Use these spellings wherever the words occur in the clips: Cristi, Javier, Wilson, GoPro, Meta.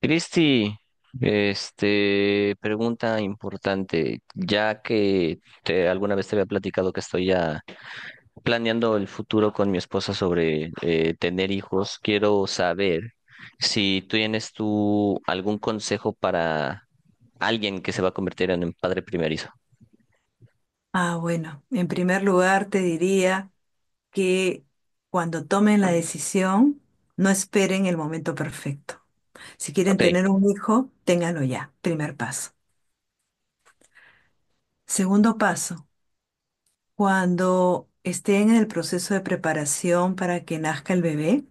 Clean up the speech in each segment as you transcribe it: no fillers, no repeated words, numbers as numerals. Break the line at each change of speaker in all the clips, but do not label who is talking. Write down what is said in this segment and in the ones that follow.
Cristi, pregunta importante, ya que alguna vez te había platicado que estoy ya planeando el futuro con mi esposa sobre tener hijos. Quiero saber si tú tienes tú algún consejo para alguien que se va a convertir en un padre primerizo.
Ah, bueno, en primer lugar te diría que cuando tomen la decisión, no esperen el momento perfecto. Si quieren
Ok,
tener un hijo, ténganlo ya, primer paso. Segundo paso, cuando estén en el proceso de preparación para que nazca el bebé,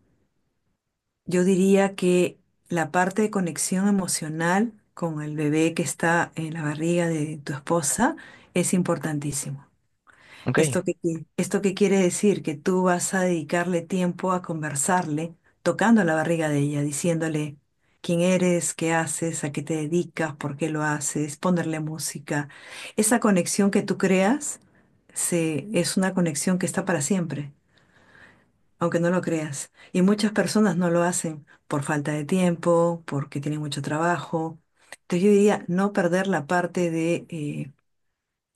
yo diría que la parte de conexión emocional con el bebé que está en la barriga de tu esposa es importantísimo.
ok.
¿Esto qué quiere decir? Que tú vas a dedicarle tiempo a conversarle, tocando la barriga de ella, diciéndole quién eres, qué haces, a qué te dedicas, por qué lo haces, ponerle música. Esa conexión que tú creas es una conexión que está para siempre, aunque no lo creas. Y muchas personas no lo hacen por falta de tiempo, porque tienen mucho trabajo. Entonces yo diría no perder la parte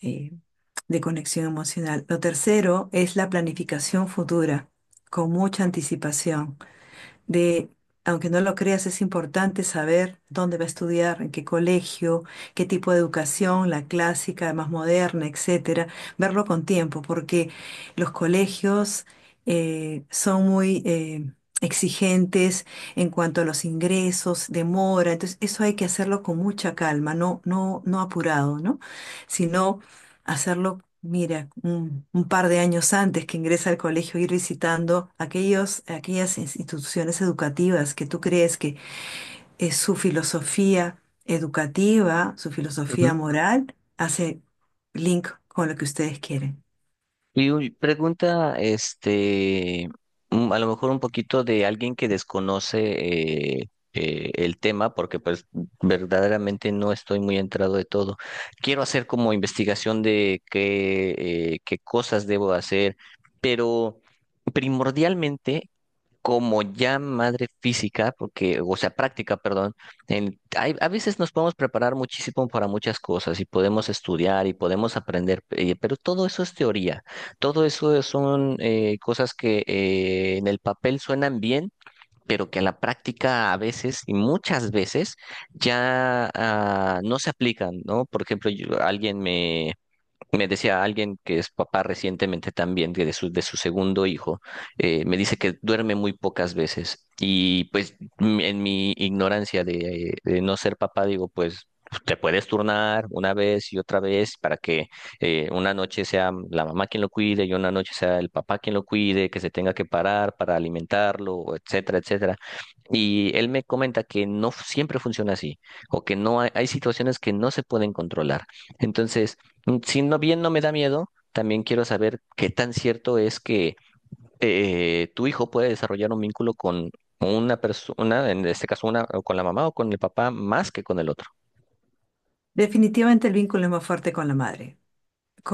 eh, de conexión emocional. Lo tercero es la planificación futura, con mucha anticipación. De, aunque no lo creas, es importante saber dónde va a estudiar, en qué colegio, qué tipo de educación, la clásica, más moderna, etcétera. Verlo con tiempo, porque los colegios son muy exigentes en cuanto a los ingresos, demora, entonces eso hay que hacerlo con mucha calma, no, no, no apurado, ¿no? Sino hacerlo, mira, un par de años antes que ingresa al colegio, ir visitando aquellos, aquellas instituciones educativas que tú crees que es su filosofía educativa, su filosofía moral, hace link con lo que ustedes quieren.
Y uy, pregunta, a lo mejor un poquito de alguien que desconoce el tema, porque pues verdaderamente no estoy muy entrado de todo. Quiero hacer como investigación de qué cosas debo hacer, pero primordialmente como ya madre física, porque, o sea, práctica, perdón, a veces nos podemos preparar muchísimo para muchas cosas y podemos estudiar y podemos aprender, pero todo eso es teoría, todo eso son cosas que en el papel suenan bien, pero que en la práctica a veces y muchas veces ya no se aplican, ¿no? Por ejemplo, alguien me decía, alguien que es papá recientemente también de su segundo hijo. Me dice que duerme muy pocas veces y pues en mi ignorancia de no ser papá, digo, pues te puedes turnar una vez y otra vez para que una noche sea la mamá quien lo cuide y una noche sea el papá quien lo cuide, que se tenga que parar para alimentarlo, etcétera, etcétera. Y él me comenta que no siempre funciona así, o que no hay situaciones que no se pueden controlar. Entonces, si no bien no me da miedo, también quiero saber qué tan cierto es que tu hijo puede desarrollar un vínculo con una persona, en este caso una, o con la mamá o con el papá, más que con el otro.
Definitivamente el vínculo es más fuerte con la madre.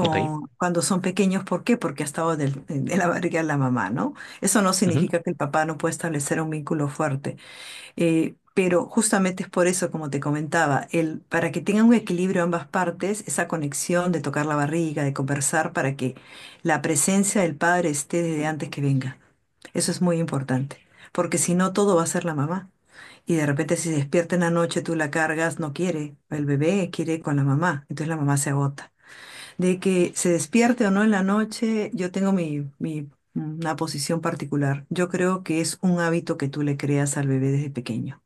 Ok.
cuando son pequeños, ¿por qué? Porque ha estado en la barriga de la mamá, ¿no? Eso no
Ujú.
significa que el papá no pueda establecer un vínculo fuerte. Pero justamente es por eso, como te comentaba, el, para que tengan un equilibrio ambas partes, esa conexión de tocar la barriga, de conversar, para que la presencia del padre esté desde antes que venga. Eso es muy importante, porque si no, todo va a ser la mamá. Y de repente si se despierta en la noche, tú la cargas, no quiere. El bebé quiere con la mamá. Entonces la mamá se agota. De que se despierte o no en la noche, yo tengo una posición particular. Yo creo que es un hábito que tú le creas al bebé desde pequeño.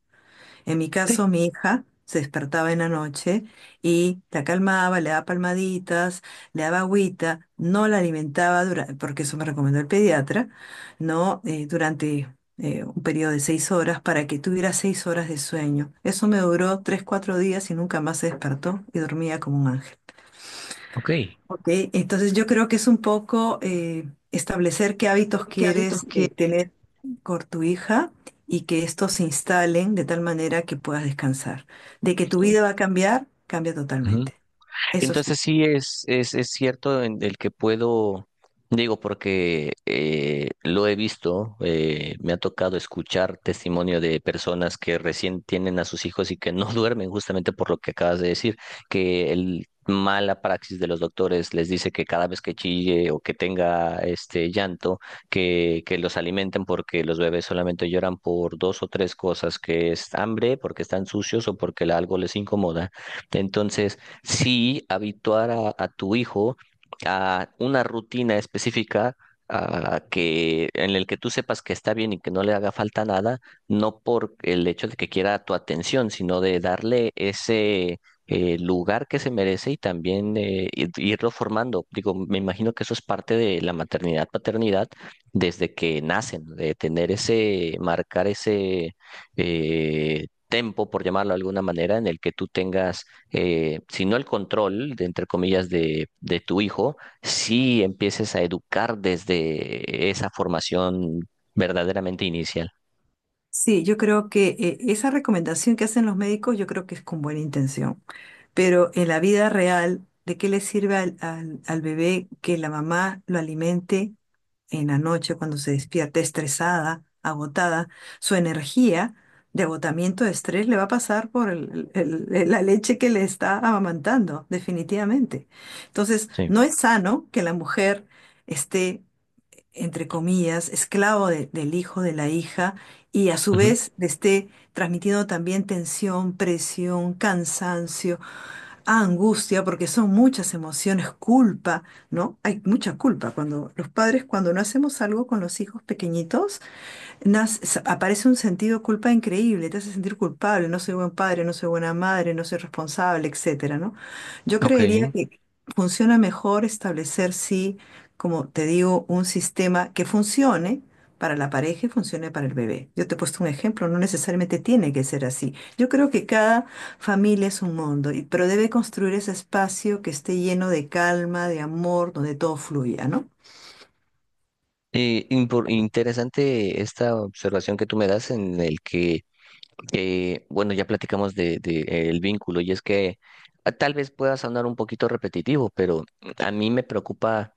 En mi
Ok.
caso, mi hija se despertaba en la noche y la calmaba, le daba palmaditas, le daba agüita, no la alimentaba, porque eso me recomendó el pediatra, ¿no? Durante un periodo de seis horas para que tuviera seis horas de sueño. Eso me duró tres, cuatro días y nunca más se despertó y dormía como un ángel.
Ok.
Ok, entonces yo creo que es un poco establecer qué hábitos
Qué hábito.
quieres tener con tu hija y que estos se instalen de tal manera que puedas descansar. De que tu vida va a cambiar, cambia totalmente. Eso sí.
Entonces sí es cierto en el que puedo, digo, porque lo he visto, me ha tocado escuchar testimonio de personas que recién tienen a sus hijos y que no duermen justamente por lo que acabas de decir, que el mala praxis de los doctores les dice que cada vez que chille o que tenga este llanto, que los alimenten porque los bebés solamente lloran por dos o tres cosas, que es hambre, porque están sucios o porque algo les incomoda. Entonces sí habituar a tu hijo a una rutina específica a que, en el que tú sepas que está bien y que no le haga falta nada, no por el hecho de que quiera tu atención, sino de darle ese lugar que se merece y también irlo formando. Digo, me imagino que eso es parte de la maternidad, paternidad, desde que nacen, de tener ese, marcar ese tempo, por llamarlo de alguna manera, en el que tú tengas, si no el control, de, entre comillas, de, tu hijo, si empieces a educar desde esa formación verdaderamente inicial.
Sí, yo creo que esa recomendación que hacen los médicos, yo creo que es con buena intención, pero en la vida real, ¿de qué le sirve al bebé que la mamá lo alimente en la noche cuando se despierte estresada, agotada, su energía de agotamiento, de estrés, le va a pasar por la leche que le está amamantando, definitivamente. Entonces,
Sí.
no es sano que la mujer esté, entre comillas, esclavo del hijo, de la hija, y a su
Ujú.
vez le esté transmitiendo también tensión, presión, cansancio, angustia, porque son muchas emociones, culpa, ¿no? Hay mucha culpa cuando los padres, cuando no hacemos algo con los hijos pequeñitos, aparece un sentido de culpa increíble, te hace sentir culpable, no soy buen padre, no soy buena madre, no soy responsable, etcétera, ¿no? Yo
Ok.
creería que funciona mejor establecer, sí, como te digo, un sistema que funcione para la pareja y funcione para el bebé. Yo te he puesto un ejemplo, no necesariamente tiene que ser así. Yo creo que cada familia es un mundo, y pero debe construir ese espacio que esté lleno de calma, de amor, donde todo fluya, ¿no?
Interesante esta observación que tú me das en el que, bueno, ya platicamos de, de el vínculo, y es que tal vez pueda sonar un poquito repetitivo, pero a mí me preocupa.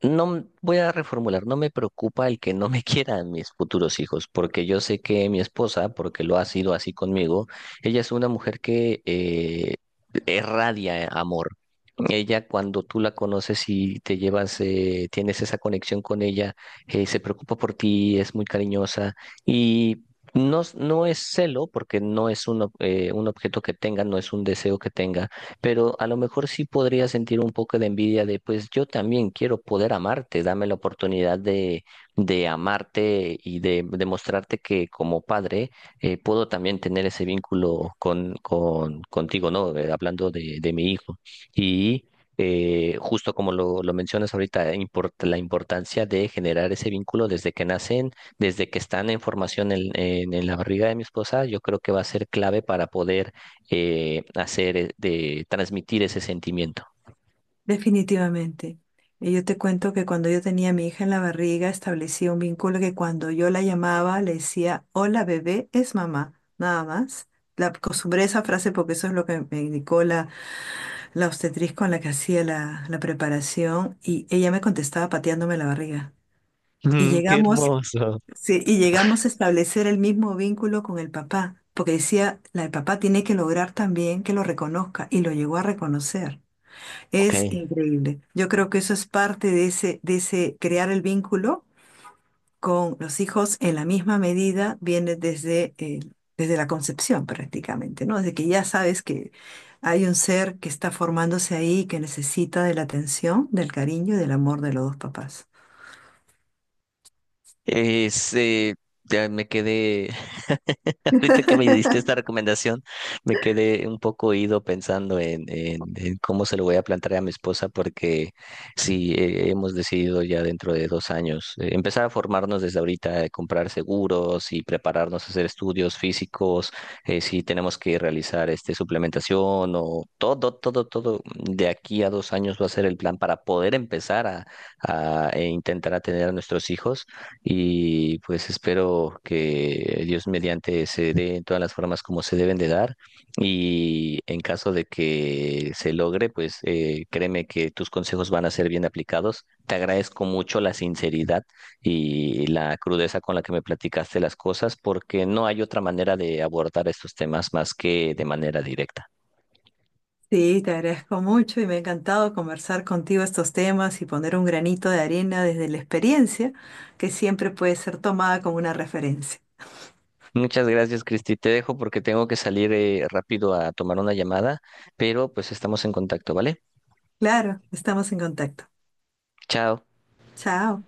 No voy a reformular, no me preocupa el que no me quieran mis futuros hijos, porque yo sé que mi esposa, porque lo ha sido así conmigo, ella es una mujer que irradia amor. Ella, cuando tú la conoces y te llevas, tienes esa conexión con ella. Se preocupa por ti, es muy cariñosa, y no, no es celo, porque no es un objeto que tenga, no es un deseo que tenga, pero a lo mejor sí podría sentir un poco de envidia de, pues yo también quiero poder amarte, dame la oportunidad de amarte y de demostrarte que como padre puedo también tener ese vínculo contigo, ¿no? Hablando de mi hijo. Y justo como lo mencionas ahorita, la importancia de generar ese vínculo desde que nacen, desde que están en formación en, en la barriga de mi esposa. Yo creo que va a ser clave para poder hacer, de transmitir ese sentimiento.
Definitivamente. Y yo te cuento que cuando yo tenía a mi hija en la barriga, establecí un vínculo que cuando yo la llamaba, le decía, hola bebé, es mamá, nada más. La acostumbré a esa frase porque eso es lo que me indicó la obstetriz con la que hacía la preparación, y ella me contestaba pateándome la barriga. Y
Mm, qué
llegamos,
hermoso.
sí, y llegamos a establecer el mismo vínculo con el papá, porque decía, el papá tiene que lograr también que lo reconozca, y lo llegó a reconocer. Es
Ok.
increíble. Yo creo que eso es parte de ese crear el vínculo con los hijos en la misma medida, viene desde la concepción prácticamente, ¿no? Desde que ya sabes que hay un ser que está formándose ahí, que necesita de la atención, del cariño y del amor de los dos papás.
Es, eh, ya me quedé, ahorita que me diste esta recomendación, me quedé un poco ido pensando en cómo se lo voy a plantear a mi esposa, porque sí, hemos decidido ya dentro de 2 años empezar a formarnos desde ahorita, comprar seguros y prepararnos a hacer estudios físicos, si tenemos que realizar suplementación o todo, todo, todo. De aquí a 2 años va a ser el plan para poder empezar a intentar atender a nuestros hijos, y pues espero que Dios mediante se dé en todas las formas como se deben de dar, y en caso de que se logre, pues créeme que tus consejos van a ser bien aplicados. Te agradezco mucho la sinceridad y la crudeza con la que me platicaste las cosas, porque no hay otra manera de abordar estos temas más que de manera directa.
Sí, te agradezco mucho y me ha encantado conversar contigo estos temas y poner un granito de arena desde la experiencia, que siempre puede ser tomada como una referencia.
Muchas gracias, Cristi. Te dejo porque tengo que salir rápido a tomar una llamada, pero pues estamos en contacto, ¿vale?
Claro, estamos en contacto.
Chao.
Chao.